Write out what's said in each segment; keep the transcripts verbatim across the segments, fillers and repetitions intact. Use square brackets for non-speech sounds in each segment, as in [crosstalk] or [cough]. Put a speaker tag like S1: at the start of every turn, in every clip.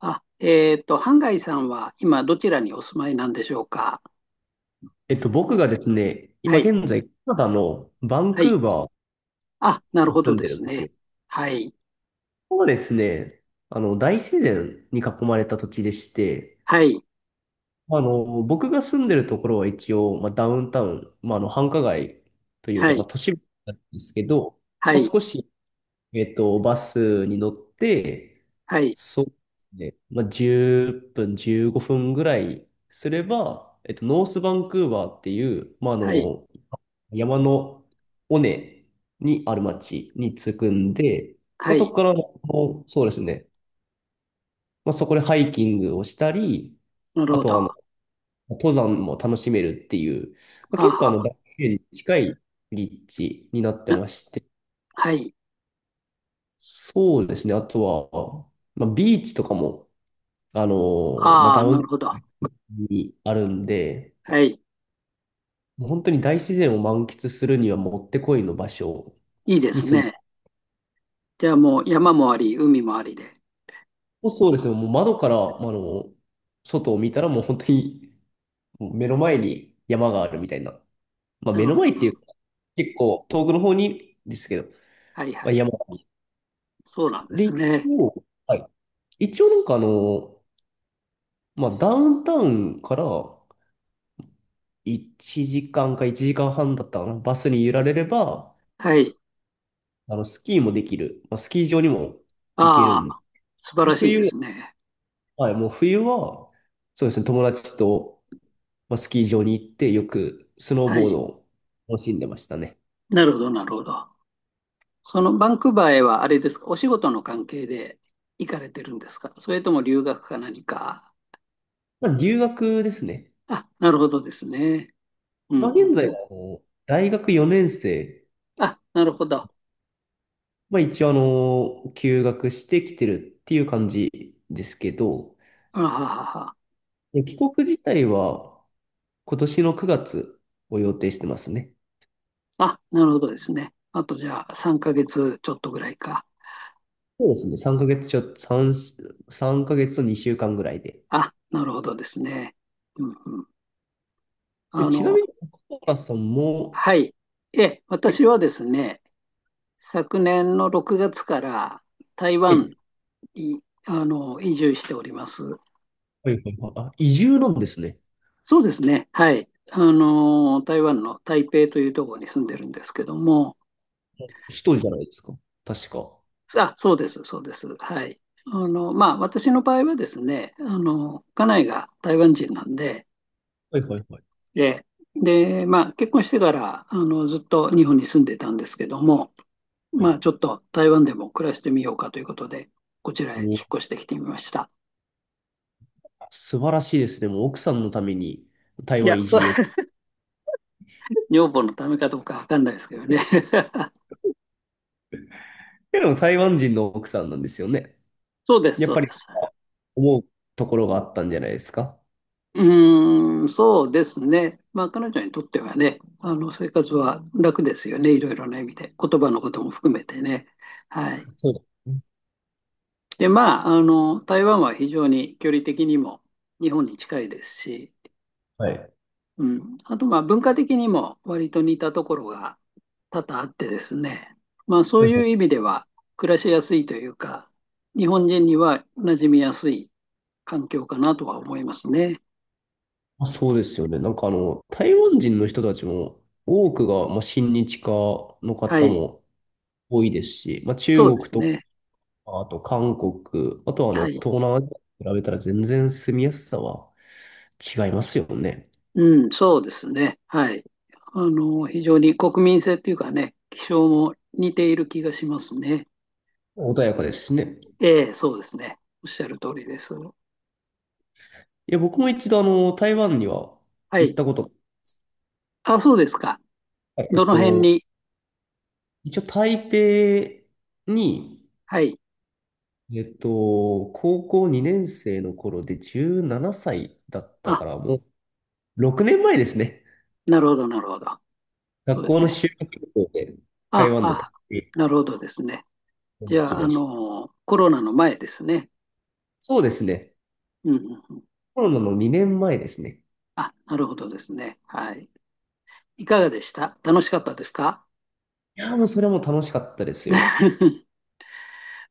S1: あ、えっと、ハンガイさんは今どちらにお住まいなんでしょうか？
S2: えっと、僕がですね、
S1: は
S2: 今
S1: い。
S2: 現在、カナダのバン
S1: は
S2: ク
S1: い。
S2: ーバ
S1: あ、なる
S2: ーに
S1: ほど
S2: 住んで
S1: で
S2: る
S1: す
S2: んですよ。
S1: ね。はい。
S2: ここはですね、あの、大自然に囲まれた土地でして、
S1: はい。
S2: あの、僕が住んでるところは一応、まあ、ダウンタウン、まあ、あの、繁華街という
S1: は
S2: か、まあ、
S1: い。
S2: 都市部なんですけど、
S1: は
S2: まあ、
S1: い。
S2: 少し、えっと、バスに乗って、
S1: はい。
S2: そうですね、まあ、じゅっぷん、じゅうごふんぐらいすれば、えっと、ノースバンクーバーっていう、まあ、あ
S1: はい。
S2: の、山の尾根にある町に着くんで、ま
S1: は
S2: あ、そこ
S1: い。
S2: から、あのそうですね、まあ、そこでハイキングをしたり、
S1: なる
S2: あ
S1: ほ
S2: と
S1: ど。
S2: はあ
S1: は
S2: の、登山も楽しめるっていう、まあ、
S1: あ
S2: 結構
S1: は
S2: あの、
S1: あ。
S2: 大自然に近い立地になって
S1: な、
S2: まして、
S1: はい。
S2: そうですね、あとは、まあ、ビーチとかも、あの、まあ、
S1: あ
S2: ダ
S1: あ、
S2: ウン
S1: な
S2: タ
S1: る
S2: ウ
S1: ほど。
S2: ンにあるんで、
S1: はい。
S2: もう本当に大自然を満喫するにはもってこいの場所
S1: いいで
S2: に
S1: す
S2: 住んで、
S1: ね。じゃあもう山もあり、海もありで。
S2: もうそうですね。もう窓から、あの、外を見たらもう本当にもう目の前に山があるみたいな。まあ
S1: な
S2: 目
S1: る
S2: の
S1: ほど
S2: 前
S1: な
S2: っ
S1: る
S2: て
S1: ほ
S2: い
S1: ど。
S2: うか、結構遠くの方にですけど、
S1: はい
S2: ま
S1: は
S2: あ、
S1: い。
S2: 山。
S1: そうなんで
S2: で、
S1: す
S2: 一
S1: ね。
S2: 応、はい。一応なんかあの、まあダウンタウンからいちじかんかいちじかんはんだったかな。バスに揺られれば、
S1: はい。
S2: あの、スキーもできる。まあ、スキー場にも行ける
S1: あ
S2: んで。
S1: あ、素晴らしいで
S2: 冬、
S1: すね。
S2: はい、もう冬は、そうですね、友達と、まあ、スキー場に行ってよくスノー
S1: は
S2: ボー
S1: い。
S2: ドを楽しんでましたね。
S1: なるほど、なるほど。そのバンクーバーへはあれですか、お仕事の関係で行かれてるんですか、それとも留学か何か？
S2: まあ、留学ですね。
S1: あ、なるほどですね。うんう
S2: まあ、現
S1: ん
S2: 在
S1: う
S2: は
S1: ん。
S2: あの大学よねん生、
S1: あ、なるほど。
S2: まあ、一応あの休学してきてるっていう感じですけど、
S1: あははは。
S2: で帰国自体は今年のくがつを予定してますね。
S1: あ、なるほどですね。あとじゃあさんかげつちょっとぐらいか。
S2: そうですね、3ヶ月ちょ、3、さんかげつとにしゅうかんぐらいで。
S1: あ、なるほどですね。うんうん。
S2: で、
S1: あ
S2: ちな
S1: の、
S2: みに、小原さんも、
S1: はい。え、
S2: け
S1: 私はですね、昨年のろくがつから台
S2: は
S1: 湾
S2: い、
S1: に、あの、移住しております。
S2: はいはいはい、あ、移住なんですね。
S1: そうですね。はい。あのー、台湾の台北というところに住んでるんですけども、
S2: 一人じゃないですか。確か。
S1: あ、そうです、そうです。はい。あの、まあ、私の場合はですね、あの、家内が台湾人なんで、
S2: はいはいはい。
S1: で、で、まあ、結婚してから、あの、ずっと日本に住んでたんですけども、
S2: は
S1: まあ、
S2: い、
S1: ちょっと台湾でも暮らしてみようかということで、こちら
S2: も
S1: へ
S2: う
S1: 引っ越してきてみました。
S2: 素晴らしいですね。もう奥さんのために台
S1: いや、
S2: 湾移
S1: そう、
S2: 住を。[laughs]
S1: [laughs] 女房のためかどうかわかんないですけどね。
S2: けど台湾人の奥さんなんですよね。
S1: [laughs] そうです、
S2: やっ
S1: そう
S2: ぱ
S1: で
S2: り
S1: す。
S2: 思うところがあったんじゃないですか。
S1: うーん、そうですね。まあ、彼女にとってはね、あの生活は楽ですよね、いろいろな意味で、言葉のことも含めてね。はい。
S2: そうですね。
S1: で、まあ、あの、台湾は非常に距離的にも日本に近いですし、
S2: はい。
S1: うん、あと、まあ、文化的にも割と似たところが多々あってですね、まあ、そ
S2: は
S1: う
S2: い
S1: い
S2: は
S1: う
S2: い。
S1: 意味では暮らしやすいというか、日本人には馴染みやすい環境かなとは思いますね。
S2: あ、そうですよね。なんかあの、台湾人の人たちも多くが、まあ、親日家の
S1: は
S2: 方
S1: い。
S2: も多いですし、まあ、中
S1: そうで
S2: 国
S1: す
S2: とか、
S1: ね。
S2: あと韓国、あとはあ
S1: は
S2: の
S1: い。
S2: 東南アジアと比べたら全然住みやすさは違いますよね。
S1: うん、そうですね。はい。あの、非常に国民性っていうかね、気象も似ている気がしますね。
S2: 穏やかですしね。
S1: ええ、そうですね。おっしゃる通りです。
S2: いや、僕も一度、あの、台湾には
S1: は
S2: 行っ
S1: い。
S2: たことが、
S1: あ、そうですか。
S2: はいえ
S1: ど
S2: っ
S1: の辺
S2: と、
S1: に？
S2: 一応、台北に、
S1: はい。
S2: えっと、高校にねん生の頃でじゅうななさいだった
S1: あ、
S2: から、もうろくねんまえですね。
S1: なるほど、なるほど。そう
S2: 学
S1: で
S2: 校
S1: す
S2: の
S1: ね。
S2: 修学旅行で台
S1: あ、
S2: 湾の台
S1: あ、
S2: 北
S1: なるほどですね。
S2: に
S1: じ
S2: 行
S1: ゃ
S2: き
S1: あ、あ
S2: ました。
S1: の、コロナの前ですね。
S2: そうですね。
S1: うん、うんうん。
S2: コロナのにねんまえですね。
S1: あ、なるほどですね。はい。いかがでした？楽しかったですか？
S2: いやー、もうそれはもう楽しかったですよ。
S1: [laughs]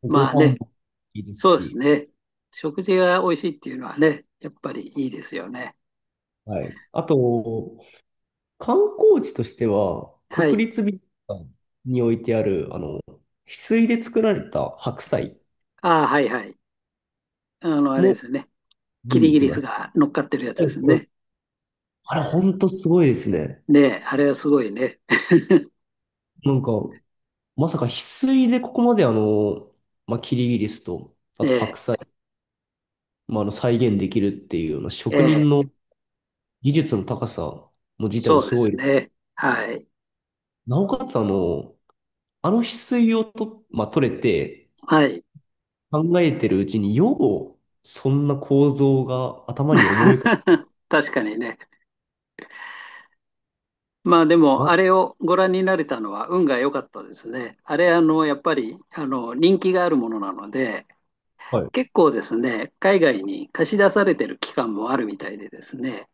S2: ご
S1: まあ
S2: 飯
S1: ね、
S2: もいいです
S1: そうです
S2: し、
S1: ね。食事が美味しいっていうのはね、やっぱりいいですよね。
S2: はい。あと、観光地としては、
S1: はい。
S2: 国立美術館に置いてある、あの、翡翠で作られた白菜
S1: ああ、はいはい。あの、あれで
S2: も
S1: すね。
S2: 見
S1: キリ
S2: に
S1: ギ
S2: 行き
S1: リ
S2: ま
S1: ス
S2: した。
S1: が乗っかってるやつ
S2: は
S1: で
S2: い
S1: す
S2: はい、
S1: ね。
S2: あれ、ほんとすごいですね。
S1: ねえ、あれはすごいね。[laughs]
S2: なんか、まさか翡翠でここまであの、まあ、キリギリスと、あと白
S1: え
S2: 菜、まあ、あの再現できるっていうような
S1: え、
S2: 職
S1: え
S2: 人
S1: え、
S2: の技術の高さも自体も
S1: そう
S2: す
S1: で
S2: ご
S1: す
S2: い。
S1: ね。はい。
S2: なおかつ、あの、あの翡翠をと、まあ、取れて、
S1: はい。
S2: 考えてるうちに、よう、そんな構造が頭に思い浮かぶ。
S1: [laughs] 確かにね。まあでも、
S2: ま、
S1: あれをご覧になれたのは運が良かったですね。あれ、あの、やっぱり、あの、人気があるものなので、
S2: はい。
S1: 結構ですね、海外に貸し出されてる期間もあるみたいでですね。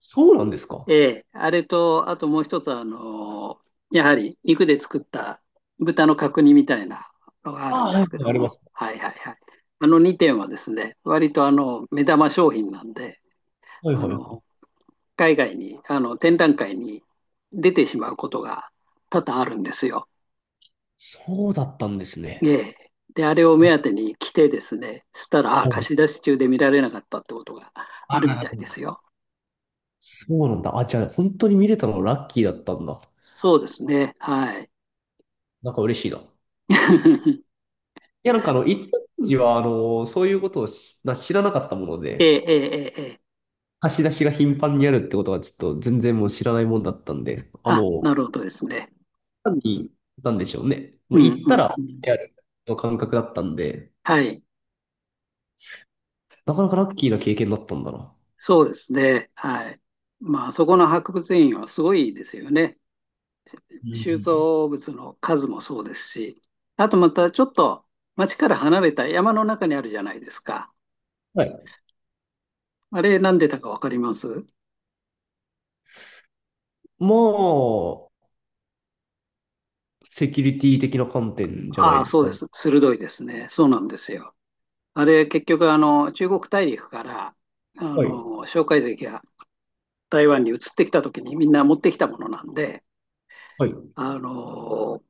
S2: そうなんです
S1: え
S2: か。
S1: え、あれと、あともう一つは、あの、やはり肉で作った豚の角煮みたいなのがある
S2: あ
S1: ん
S2: あ、は
S1: で
S2: い、は
S1: すけ
S2: い、
S1: ど
S2: ありま
S1: も、
S2: す。
S1: はいはいはい。あのにてんはですね、割とあの目玉商品なんで、
S2: はい、
S1: あ
S2: は
S1: の
S2: い。
S1: 海外に、あの展覧会に出てしまうことが多々あるんですよ。
S2: そうだったんです
S1: え
S2: ね。
S1: え。で、あれを
S2: あ、
S1: 目
S2: は
S1: 当てに来てですね、したら、ああ、貸し
S2: い、
S1: 出し中で見られなかったってことが
S2: あ
S1: あるみ
S2: ー、
S1: たいですよ。
S2: そうなんだ。あ、じゃあ、本当に見れたのラッキーだったんだ。
S1: そうですね、はい。[laughs]
S2: なんか嬉しいな。いや、なんかあの、一当時は、あの、そういうことをしな知らなかったもの
S1: ええ、
S2: で、
S1: ええ、ええ。ええ、
S2: 貸し出しが頻繁にあるってことは、ちょっと全然もう知らないもんだったんで、あ、
S1: あ、な
S2: もう、
S1: るほどですね。
S2: 単に、なんでしょうね。
S1: う
S2: も
S1: ん、
S2: う
S1: うん、
S2: 行った
S1: うん。
S2: ら、やるの感覚だったんで、
S1: はい。
S2: なかなかラッキーな経験だったんだな。
S1: そうですね。はい。まあ、あそこの博物院はすごいですよね。
S2: うんう
S1: 収
S2: ん、
S1: 蔵物の数もそうですし、あとまたちょっと町から離れた山の中にあるじゃないですか。
S2: はい。
S1: あれ、なんでたかわかります？
S2: まあ、セキュリティ的な観点じゃな
S1: あ
S2: い
S1: あ、
S2: です
S1: そう
S2: か
S1: で
S2: ね。
S1: す。鋭いですね。そうなんですよ。あれ、結局、あの、中国大陸から、あ
S2: はい。
S1: の、蒋介石が台湾に移ってきた時にみんな持ってきたものなんで、
S2: はい。確
S1: あの、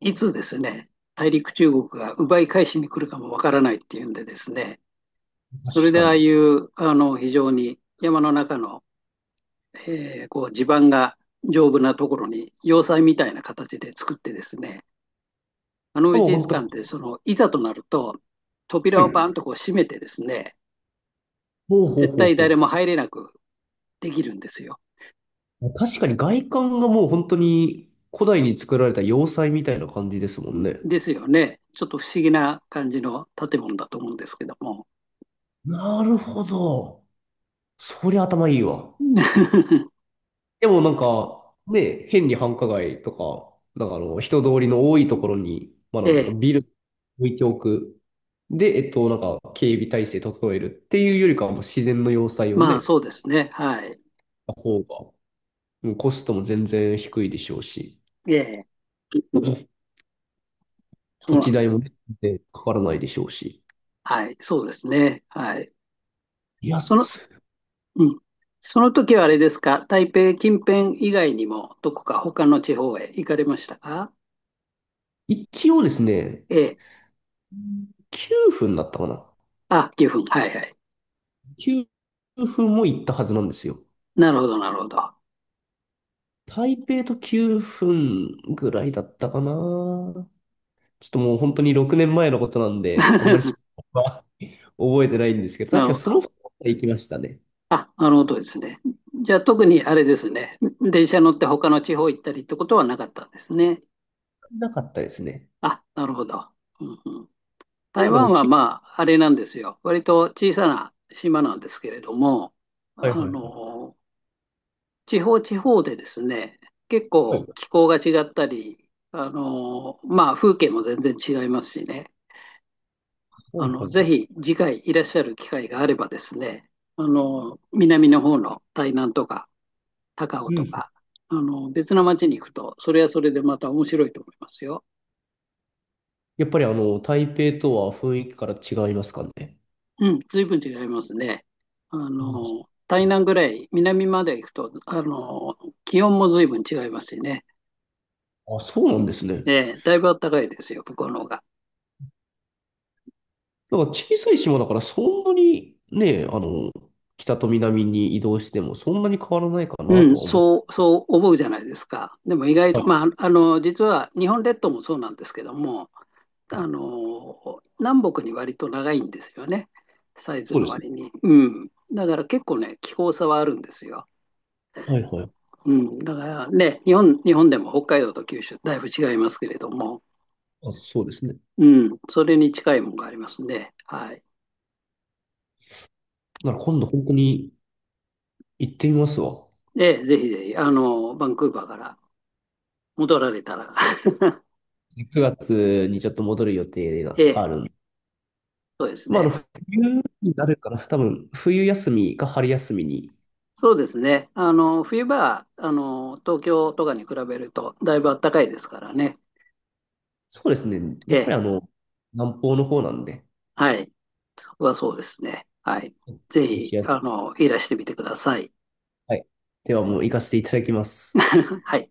S1: いつですね、大陸中国が奪い返しに来るかもわからないっていうんでですね、それで
S2: か
S1: ああ
S2: に。
S1: いうあの非常に山の中の、えーこう地盤が丈夫なところに要塞みたいな形で作ってですね、あの美
S2: もう本
S1: 術
S2: 当に、
S1: 館ってそのいざとなると
S2: は
S1: 扉をバ
S2: い。
S1: ンとこう閉めてですね、
S2: ほうほう
S1: 絶
S2: ほう
S1: 対誰
S2: ほ
S1: も入れなくできるんですよ。
S2: う。確かに外観がもう本当に古代に作られた要塞みたいな感じですもんね。
S1: ですよね。ちょっと不思議な感じの建物だと思うんですけども。
S2: なるほど。そりゃ頭いいわ。
S1: [laughs]
S2: でもなんか、ね、変に繁華街とか、なんかあの、人通りの多いところに、まあな
S1: え
S2: んだろ
S1: え、
S2: う、ビル置いておく。で、えっと、なんか、警備体制整えるっていうよりかは、もう自然の要塞を
S1: まあ
S2: ね、
S1: そうですね。はい。
S2: た方が、うんコストも全然低いでしょうし、
S1: ええ。そ
S2: 土
S1: うな
S2: 地
S1: んで
S2: 代
S1: す。
S2: もね、全然かからないでしょうし。
S1: はい、そうですね。はい。
S2: いや、
S1: その、
S2: す
S1: うん。その時はあれですか、台北近辺以外にも、どこか他の地方へ行かれましたか？
S2: 一応ですね、
S1: ええ。
S2: きゅうふんだったかな。
S1: あ、岐阜。はいはい。
S2: きゅうふんも行ったはずなんですよ。
S1: なるほど、なるほど。
S2: 台北ときゅうふんぐらいだったかな。ちょっともう本当にろくねんまえのことなんで、あんまり
S1: [laughs]
S2: [laughs] 覚えてないんですけど、
S1: な
S2: 確
S1: る
S2: か
S1: ほ
S2: そ
S1: ど。
S2: のふつか行きましたね。
S1: あ、なるほどですね。じゃあ、特にあれですね。電車乗って他の地方行ったりってことはなかったんですね。
S2: なかったですね。
S1: あ、なるほど。うんうん、
S2: ま
S1: 台
S2: あでも、
S1: 湾は
S2: き
S1: まあ、あれなんですよ。割と小さな島なんですけれども、
S2: はい
S1: あ
S2: はいはい。
S1: の、地方地方でですね、結
S2: はい
S1: 構
S2: は
S1: 気候が違ったり、あのまあ、風景も全然違いますしね、
S2: いは
S1: あ
S2: い
S1: の
S2: は
S1: ぜ
S2: い。
S1: ひ次回いらっしゃる機会があればですね、あの南の方の台南とか高尾
S2: う
S1: と
S2: ん。
S1: か、あの別の町に行くと、それはそれでまた面白いと思いますよ。
S2: やっぱりあの、台北とは雰囲気から違いますかね。
S1: うん、随分違いますね。あの台南ぐらい南まで行くと、あの気温も随分違いますしね、
S2: あ、あ、そうなんですね。
S1: ええだいぶ暖かいですよ、向こうの方が。
S2: なんか小さい島だからそんなにね、あの、北と南に移動してもそんなに変わらないかな
S1: うん、
S2: とは思う。
S1: そう、そう思うじゃないですか。でも意外と、
S2: は
S1: まあ、あの、実は日本列島もそうなんですけども、
S2: い。
S1: あの、南北に割と長いんですよね。サイズ
S2: そう
S1: の
S2: ですね。
S1: 割に。うん。だから結構ね、気候差はあるんですよ。
S2: はいはい。
S1: うん。だからね、日本、日本でも北海道と九州、だいぶ違いますけれども、
S2: あ、そうですね。
S1: うん。それに近いものがありますね。はい。
S2: なら今度本当に行ってみますわ。
S1: で、ぜひぜひ、あの、バンクーバーから戻られたら、
S2: くがつにちょっと戻る予定
S1: [laughs]
S2: が
S1: え
S2: あ
S1: え、
S2: るんで。
S1: そうです
S2: まあ、あの、
S1: ね。
S2: 冬になるかな。多分、冬休みか春休みに。
S1: そうですね。あの、冬場は、あの、東京とかに比べると、だいぶ暖かいですからね。
S2: そうですね。
S1: え
S2: やっぱ
S1: え、
S2: りあの、南方の方なんで。
S1: はい。そこはそうですね。はい。ぜ
S2: ロ
S1: ひ、
S2: シア、
S1: あの、いらしてみてください。
S2: はい。ではもう行かせていただきます。
S1: [laughs] はい。